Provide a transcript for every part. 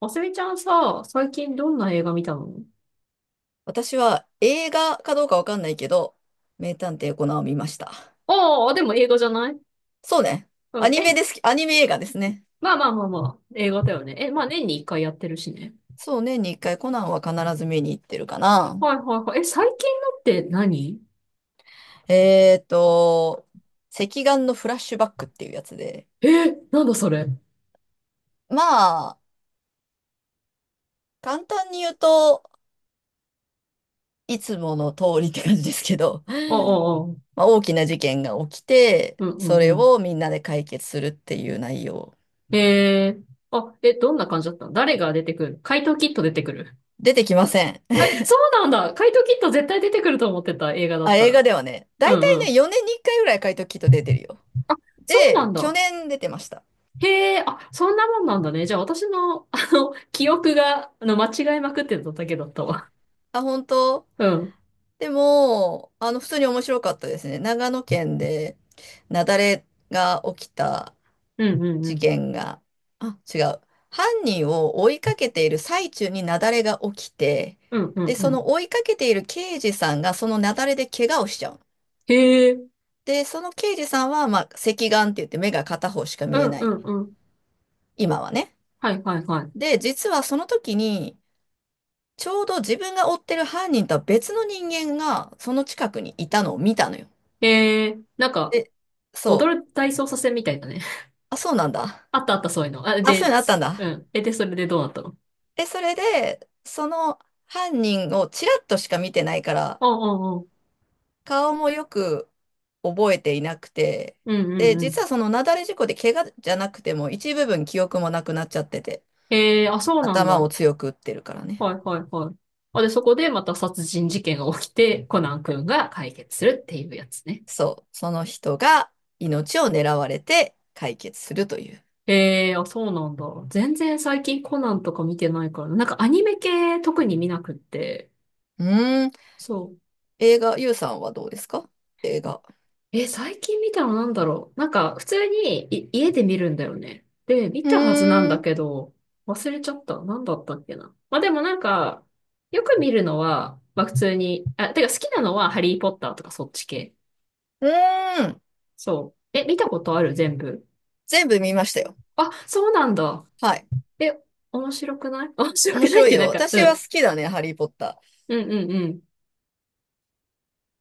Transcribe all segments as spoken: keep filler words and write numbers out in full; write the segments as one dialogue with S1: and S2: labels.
S1: あすみちゃんさ、最近どんな映画見たの？
S2: 私は映画かどうかわかんないけど、名探偵コナンを見ました。
S1: ああ、でも映画じゃない。
S2: そうね。ア
S1: うん。
S2: ニメ
S1: え、
S2: ですき。アニメ映画ですね。
S1: まあまあまあまあ、映画だよね。え、まあ年に一回やってるしね。
S2: そうね。年に一回コナンは必ず見に行ってるかな。
S1: はいはいはい。え、最近のって何？
S2: えーと、赤眼のフラッシュバックっていうやつで。
S1: え、なんだそれ。
S2: まあ、簡単に言うといつもの通りって感じですけど、
S1: ああ、ああ、うん
S2: まあ、大きな事件が起きて、
S1: う
S2: そ
S1: ん
S2: れ
S1: うん。
S2: をみんなで解決するっていう内容。
S1: えー、あ、え、どんな感じだったの？誰が出てくる？怪盗キット出てくる？
S2: 出てきません。
S1: え、そうなんだ。怪盗キット絶対出てくると思ってた、映画 だっ
S2: あ、
S1: た
S2: 映
S1: ら。
S2: 画ではね、だ
S1: う
S2: い
S1: ん
S2: たい
S1: う
S2: ね、
S1: ん。
S2: よねんにいっかいぐらい書いときと出てるよ。
S1: そうな
S2: で、
S1: ん
S2: 去
S1: だ。
S2: 年出てました。
S1: へえ、あ、そんなもんなんだね。じゃあ私の、あの、記憶が、あの、間違えまくってただけだったわ。
S2: あ、本当。
S1: うん。
S2: でも、あの、普通に面白かったですね。長野県で、雪崩が起きた
S1: うんうんう
S2: 事
S1: ん。
S2: 件が、あ、違う。犯人を追いかけている最中に雪崩が起きて、
S1: うんう
S2: で、
S1: んう
S2: その
S1: ん。
S2: 追いかけている刑事さんがその雪崩で怪我をしちゃう。
S1: へえ、う
S2: で、その刑事さんは、まあ、隻眼って言って目が片方しか
S1: ん
S2: 見えな
S1: う
S2: い。
S1: んうん。
S2: 今はね。
S1: はいはいはい。
S2: で、実はその時に、ちょうど自分が追ってる犯人とは別の人間がその近くにいたのを見たのよ。
S1: へえ、なんか、
S2: で、そ
S1: 踊
S2: う。
S1: る体操させみたいだね。
S2: あ、そうなんだ。
S1: あったあったそういうの。あ、
S2: あ、そういう
S1: で、
S2: のあった
S1: つ
S2: んだ。
S1: うん。え、で、それでどうなったの？
S2: で、それで、その犯人をちらっとしか見てないから、
S1: ああ、ああ、うん
S2: 顔もよく覚えていなくて、
S1: うん
S2: で、
S1: う
S2: 実
S1: ん。
S2: はその雪崩事故で怪我じゃなくても一部分記憶もなくなっちゃってて、
S1: へえ、あ、そうなん
S2: 頭を
S1: だ。
S2: 強く打ってるからね。
S1: はいはいはい。あ、で、そこでまた殺人事件が起きて、コナン君が解決するっていうやつね。
S2: そう。その人が命を狙われて解決するという。
S1: ええあ、そうなんだ。全然最近コナンとか見てないからな。なんかアニメ系特に見なくって。
S2: うーん。
S1: そう。
S2: 映画、ゆうさんはどうですか？映画。
S1: え、最近見たのなんだろう。なんか普通にい家で見るんだよね。で、見
S2: う
S1: たはずなんだ
S2: ーん。
S1: けど、忘れちゃった。なんだったっけな。まあでもなんか、よく見るのは、まあ普通に、あ、てか好きなのはハリーポッターとかそっち系。
S2: うーん。
S1: そう。え、見たことある？全部。
S2: 全部見ましたよ。
S1: あ、そうなんだ。
S2: はい。
S1: え、面白くない？ 面白
S2: 面
S1: くないっ
S2: 白い
S1: て
S2: よ。
S1: なんか、う
S2: 私は
S1: ん。
S2: 好きだね、ハリー・ポッタ
S1: うんうんうん。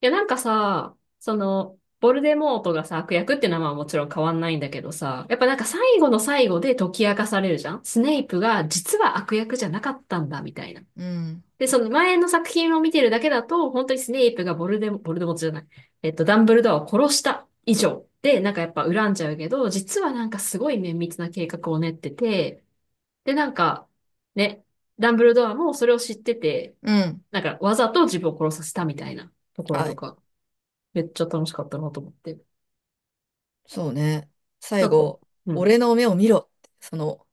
S1: いや、なんかさ、その、ボルデモートがさ、悪役って名前はもちろん変わんないんだけどさ、やっぱなんか最後の最後で解き明かされるじゃん。スネイプが実は悪役じゃなかったんだ、みたいな。
S2: ー。うん。
S1: で、その前の作品を見てるだけだと、本当にスネイプがボルデモ、ボルデモートじゃない。えっと、ダンブルドアを殺した以上で、なんかやっぱ恨んじゃうけど、実はなんかすごい綿密な計画を練ってて、で、なんか、ね、ダンブルドアもそれを知ってて、
S2: うん。
S1: なんかわざと自分を殺させたみたいなところ
S2: は
S1: と
S2: い。
S1: か。めっちゃ楽しかったなと思って。
S2: そうね。
S1: な
S2: 最
S1: んか、
S2: 後、
S1: うん。
S2: 俺の目を見ろって。その、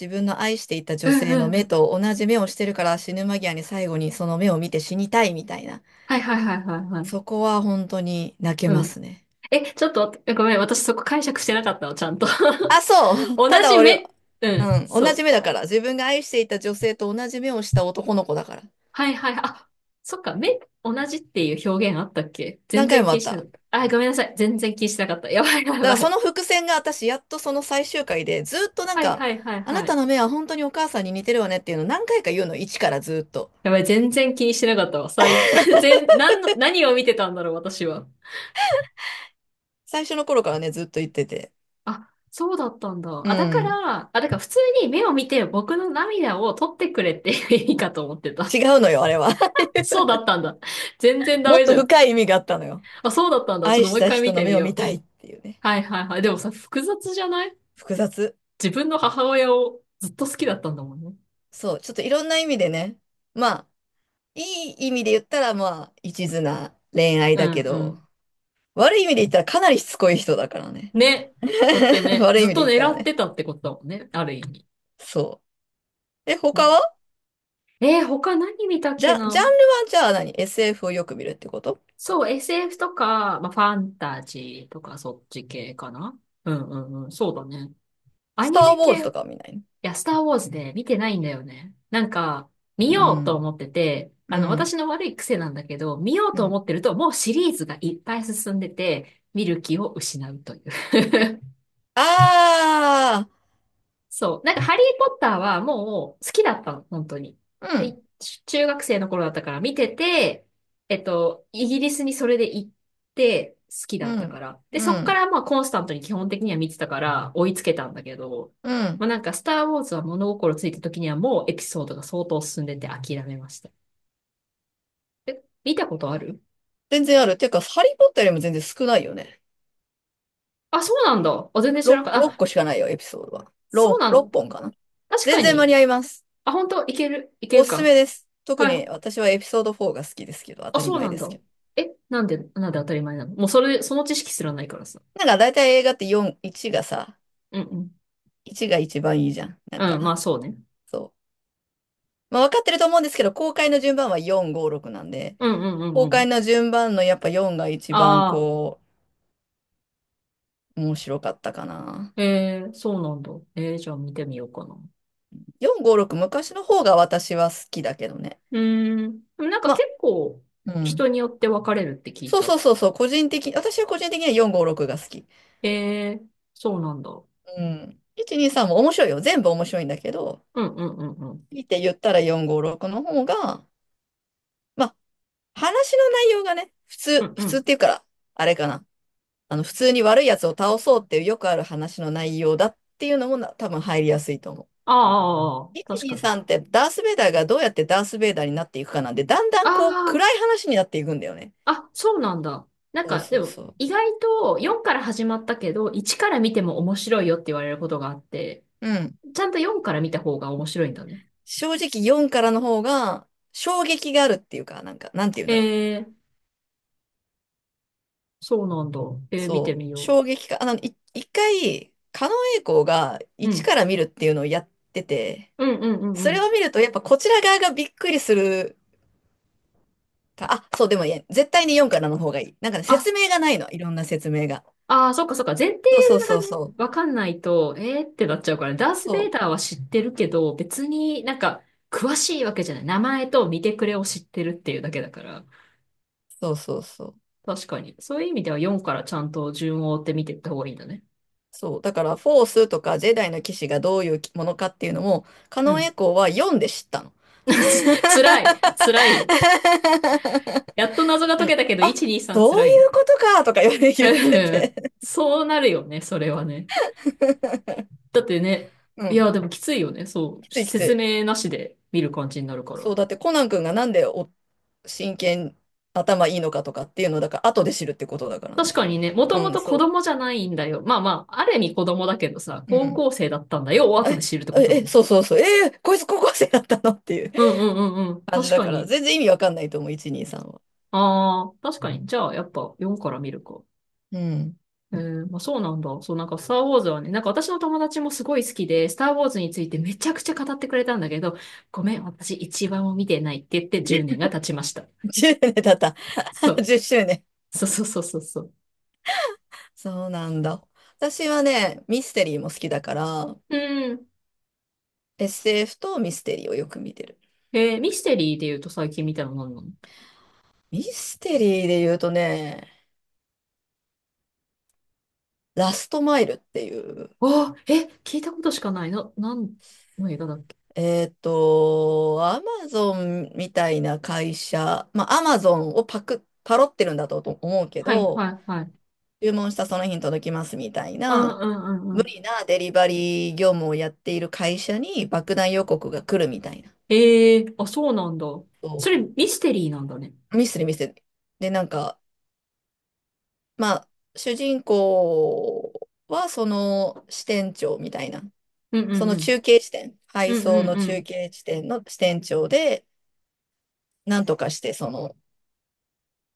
S2: 自分の愛していた
S1: う
S2: 女
S1: ん
S2: 性
S1: う
S2: の
S1: んう
S2: 目
S1: ん。
S2: と同じ目をしてるから死ぬ間際に最後にその目を見て死にたいみたいな。
S1: はいはいはいはいはい。
S2: そこは本当に泣け
S1: う
S2: ま
S1: ん。
S2: すね。
S1: え、ちょっと待って、ごめん、私そこ解釈してなかったの、ちゃんと。
S2: あ、そう。
S1: 同
S2: ただ
S1: じ
S2: 俺、
S1: 目、うん、
S2: うん。同
S1: そ
S2: じ目
S1: う。
S2: だから。自分が愛していた女性と同じ目をした男の子だから。
S1: はいはいはい。あ、そっか、目、同じっていう表現あったっけ？全
S2: 何回
S1: 然
S2: も
S1: 気
S2: あ
S1: に
S2: っ
S1: しなか
S2: た。
S1: った。あ、ごめんなさい。全然気にしなかった。やばいや
S2: だか
S1: ば
S2: らそ
S1: い。
S2: の伏線が私やっとその最終回でずっとなん
S1: はい
S2: か、
S1: はいはい
S2: あな
S1: は
S2: た
S1: い。
S2: の目は本当にお母さんに似てるわねっていうのを何回か言うの、一からずっと。
S1: やばい、全然気にしてなかったわ。最、全、なんの、何を見てたんだろう、私は。
S2: 最初の頃からね、ずっと言ってて。
S1: あ、そうだったんだ。
S2: う
S1: あ、だか
S2: ん。
S1: ら、あ、だから普通に目を見て僕の涙を取ってくれっていいかと思ってた。
S2: 違うのよ、あれは。
S1: そうだったんだ。全然ダ
S2: もっ
S1: メじ
S2: と
S1: ゃん。
S2: 深い意味があったのよ。
S1: あ、そうだったんだ。ちょっ
S2: 愛
S1: とも
S2: し
S1: う一
S2: た
S1: 回見
S2: 人の
S1: てみ
S2: 目を
S1: よ
S2: 見
S1: う。
S2: たいっていうね。
S1: はいはいはい。でもさ、複雑じゃない？
S2: 複雑。
S1: 自分の母親をずっと好きだったんだもんね。
S2: そう、ちょっといろんな意味でね。まあ、いい意味で言ったらまあ、一途な恋愛
S1: う
S2: だけ
S1: んう
S2: ど、
S1: ん。
S2: 悪い意味で言ったらかなりしつこい人だからね。
S1: ね。だって ね、
S2: 悪い
S1: ず
S2: 意
S1: っ
S2: 味で
S1: と
S2: 言った
S1: 狙
S2: ら
S1: っ
S2: ね。
S1: てたってことだもんね。ある意味。
S2: そう。え、
S1: う
S2: 他
S1: ん。
S2: は？
S1: えー他何見たっ
S2: じ
S1: け
S2: ゃ、ジャンル
S1: な。
S2: はじゃあ何？ エスエフ をよく見るってこと？
S1: そう、エスエフ とか、まあ、ファンタジーとかそっち系かな。うんうんうん。そうだね。ア
S2: スタ
S1: ニ
S2: ー・
S1: メ
S2: ウォーズ
S1: 系、い
S2: とかは見ないの？
S1: や、スターウォーズで見てないんだよね。なんか、見
S2: う
S1: ようと
S2: ん。
S1: 思ってて、
S2: う
S1: あの、私
S2: ん。
S1: の悪い癖なんだけど、見よう
S2: う
S1: と
S2: ん。
S1: 思ってると、もうシリーズがいっぱい進んでて、見る気を失うという。
S2: あ
S1: そう。なんか、ハリー・ポッターはもう好きだったの、本当に。
S2: あ、う
S1: で、
S2: ん。
S1: い中学生の頃だったから見てて、えっと、イギリスにそれで行って好きだ
S2: う
S1: ったか
S2: ん。
S1: ら。で、
S2: う
S1: そっか
S2: ん。
S1: らまあコンスタントに基本的には見てたから追いつけたんだけど、
S2: う
S1: ま
S2: ん。
S1: あなんか、スター・ウォーズは物心ついた時にはもうエピソードが相当進んでて諦めました。え、見たことある？
S2: 全然ある。ていうか、ハリー・ポッターよりも全然少ないよね。
S1: あ、そうなんだ。あ、全然知らな
S2: ろく、
S1: かった。
S2: 6
S1: あ、
S2: 個しかないよ、エピソードは。
S1: そう
S2: ろく、
S1: なんだ。
S2: ろっぽんかな。
S1: 確
S2: 全
S1: か
S2: 然間に
S1: に。
S2: 合います。
S1: あ、本当？いける、いけ
S2: お
S1: る
S2: すす
S1: か。
S2: めです。特
S1: は
S2: に
S1: い。
S2: 私はエピソードよんが好きですけど、当
S1: あ、
S2: たり
S1: そう
S2: 前
S1: なん
S2: です
S1: だ。
S2: けど。
S1: え、なんで、なんで当たり前なの？もうそれ、その知識すらないからさ。
S2: なんか大体映画ってよん、いちがさ、
S1: うんうん。
S2: いちが一番いいじゃん。なんか、
S1: うん、まあそうね。
S2: そう。まあ、分かってると思うんですけど、公開の順番はよん、ご、ろくなんで、
S1: うんうんうんう
S2: 公開
S1: ん。
S2: の順番のやっぱよんが一番
S1: ああ、
S2: こう、面白かったかな。
S1: えー、そうなんだ。えー、じゃあ見てみようかな。
S2: よん、ご、ろく、昔の方が私は好きだけどね。
S1: うーん。でもなんか
S2: まあ、
S1: 結構
S2: うん。
S1: 人によって分かれるって聞い
S2: そうそ
S1: た。
S2: うそうそう、個人的、私は個人的にはよん、ご、ろくが好き。
S1: えー、そうなんだ。う
S2: うん。いち、に、さんも面白いよ。全部面白いんだけど、
S1: んうんうんうん。
S2: 見て言ったらよん、ご、ろくの方が、まあ、話の内容がね、普
S1: う
S2: 通、
S1: んう
S2: 普通っ
S1: ん。
S2: ていうから、あれかな。あの、普通に悪いやつを倒そうっていうよくある話の内容だっていうのもな多分入りやすいと思う。
S1: ああ、ああ確かに。
S2: いち、に、さんってダース・ベイダーがどうやってダース・ベイダーになっていくかなんで、だんだ
S1: あ
S2: んこう暗
S1: あ、
S2: い話になっていくんだよね。
S1: あ、そうなんだ。なん
S2: そう
S1: かで
S2: そう
S1: も
S2: そう。
S1: 意外とよんから始まったけど、いちから見ても面白いよって言われることがあって、
S2: うん。
S1: ちゃんとよんから見た方が面白いんだね。
S2: 正直よんからの方が衝撃があるっていうか、なんか、なんて言うん
S1: え
S2: だろう。
S1: ー、そうなんだ。えー、見て
S2: そう。
S1: みよ
S2: 衝撃か。あの、い一回、狩野英孝が
S1: う。う
S2: いち
S1: ん。
S2: から見るっていうのをやってて、
S1: うんうんう
S2: そ
S1: んう
S2: れ
S1: ん。
S2: を見るとやっぱこちら側がびっくりするか、あ、そう、でもいや、絶対によんからの方がいい。なんかね、
S1: あ、
S2: 説明がないの、いろんな説明が。
S1: あー、そっかそっか。前提
S2: そうそう
S1: が
S2: そう
S1: ね、
S2: そう。
S1: わかんないと、えーってなっちゃうから、ダース・
S2: そ
S1: ベイダー
S2: う
S1: は知ってるけど、別になんか、詳しいわけじゃない。名前と見てくれを知ってるっていうだけだから。
S2: そうそうそう。
S1: 確かに。そういう意味ではよんからちゃんと順を追って見ていった方がいいんだね。
S2: そう。だから、フォースとかジェダイの騎士がどういうものかっていうのも、カ
S1: う
S2: ノンエ
S1: ん。
S2: コーは読んで知ったの。
S1: つ 辛い。辛いよ。やっと謎が
S2: な
S1: 解
S2: んか
S1: けたけど、
S2: あ、
S1: いち、に、さん
S2: そ
S1: 辛
S2: うい
S1: い
S2: うことかとか言って言って
S1: ね。
S2: て。
S1: そうなるよね、それはね。だってね、
S2: う
S1: い
S2: ん。
S1: や、でもきついよね。そ
S2: き
S1: う。
S2: ついきつ
S1: 説
S2: い。
S1: 明なしで見る感じになるか
S2: そ
S1: ら。
S2: う、だってコナン君がなんでお真剣頭いいのかとかっていうのだから、後で知るってことだから
S1: 確
S2: ね。
S1: かにね、も
S2: う
S1: とも
S2: ん、
S1: と子
S2: そ
S1: 供じゃないんだよ。まあまあ、ある意味子供だけどさ、
S2: う。う
S1: 高
S2: ん。
S1: 校生だったんだよ。を
S2: え、
S1: 後で知るってことだ
S2: え、
S1: もん
S2: え、
S1: ね。
S2: そうそうそう。えーこいつ高校生だったのっていう
S1: うんうんうんうん。
S2: 感じ
S1: 確
S2: だ
S1: か
S2: から、
S1: に。
S2: 全然意味わかんないと思う、いち、に、さんは。
S1: ああ、確かに。じゃあ、やっぱよんから見るか。
S2: うん。
S1: えー、まあそうなんだ。そう、なんか、スター・ウォーズはね、なんか私の友達もすごい好きで、スター・ウォーズについてめちゃくちゃ語ってくれたんだけど、ごめん、私一番も見てないって言ってじゅうねんが経ちました。
S2: じゅうねん経った。
S1: そ う。
S2: じゅっしゅうねん。
S1: そうそうそうそうそう。
S2: そうなんだ。私はね、ミステリーも好きだから、
S1: うん。
S2: エスエフ とミステリーをよく見てる。
S1: えー、ミステリーで言うと最近見たの何なの？
S2: ミステリーで言うとね、ラストマイルっていう、
S1: ああえ、聞いたことしかない。な、何の映画だっけ？
S2: えっと、アマゾンみたいな会社、まあ、アマゾンをパク、パロってるんだと思うけ
S1: はい
S2: ど、
S1: はいはい。
S2: 注文したその日に届きますみたい
S1: うん
S2: な、
S1: うんうんう
S2: 無
S1: ん。
S2: 理なデリバリー業務をやっている会社に爆弾予告が来るみたいな。
S1: ええあ、そうなんだ。そ
S2: そ
S1: れミステリーなんだね。
S2: う、ミスで、ミスで。で、なんか、まあ、主人公はその支店長みたいな、
S1: うんう
S2: そ
S1: ん
S2: の
S1: うん。
S2: 中継地点、配
S1: うん
S2: 送
S1: うん
S2: の
S1: う
S2: 中
S1: ん。
S2: 継地点の支店長で、なんとかしてその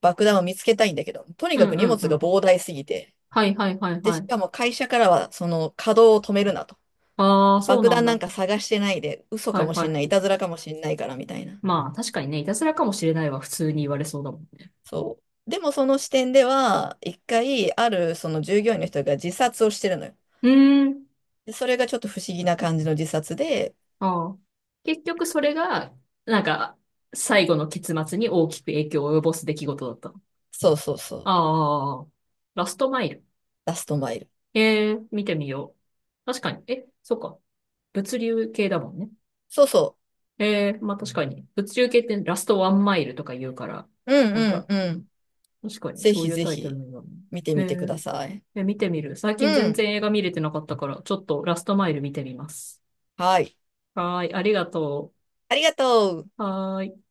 S2: 爆弾を見つけたいんだけど、とに
S1: う
S2: か
S1: ん
S2: く
S1: う
S2: 荷
S1: ん
S2: 物
S1: う
S2: が
S1: ん。
S2: 膨大すぎて、
S1: はいはいはい
S2: で、
S1: は
S2: し
S1: い。
S2: かも会社からはその稼働を止めるなと。
S1: ああ、そう
S2: 爆
S1: なん
S2: 弾なん
S1: だ。
S2: か探してないで、嘘
S1: は
S2: か
S1: い
S2: も
S1: は
S2: しん
S1: い。
S2: ない、いたずらかもしんないからみたいな。
S1: まあ、確かにね、いたずらかもしれないは普通に言われそうだもんね。
S2: そう。でもその視点では、一回、あるその従業員の人が自殺をしてるのよ。
S1: うーん。
S2: で、それがちょっと不思議な感じの自殺で、
S1: ああ。結局それが、なんか、最後の結末に大きく影響を及ぼす出来事だった。
S2: そうそうそう、
S1: ああ、ラストマイル。
S2: ラストマイル。
S1: ええ、見てみよう。確かに。え、そっか。物流系だもんね。
S2: そうそ
S1: ええ、まあ確かに。物流系ってラストワンマイルとか言うから、
S2: う。う
S1: なん
S2: んうん
S1: か、
S2: うん。
S1: 確かに
S2: ぜ
S1: そう
S2: ひ
S1: いう
S2: ぜ
S1: タイトル
S2: ひ、
S1: なんだもんね。
S2: 見てみ
S1: え
S2: てください。
S1: え、え見てみる。最近
S2: う
S1: 全
S2: ん。
S1: 然映画見れてなかったから、ちょっとラストマイル見てみます。
S2: はい。
S1: はーい、ありがと
S2: ありがとう。
S1: う。はーい。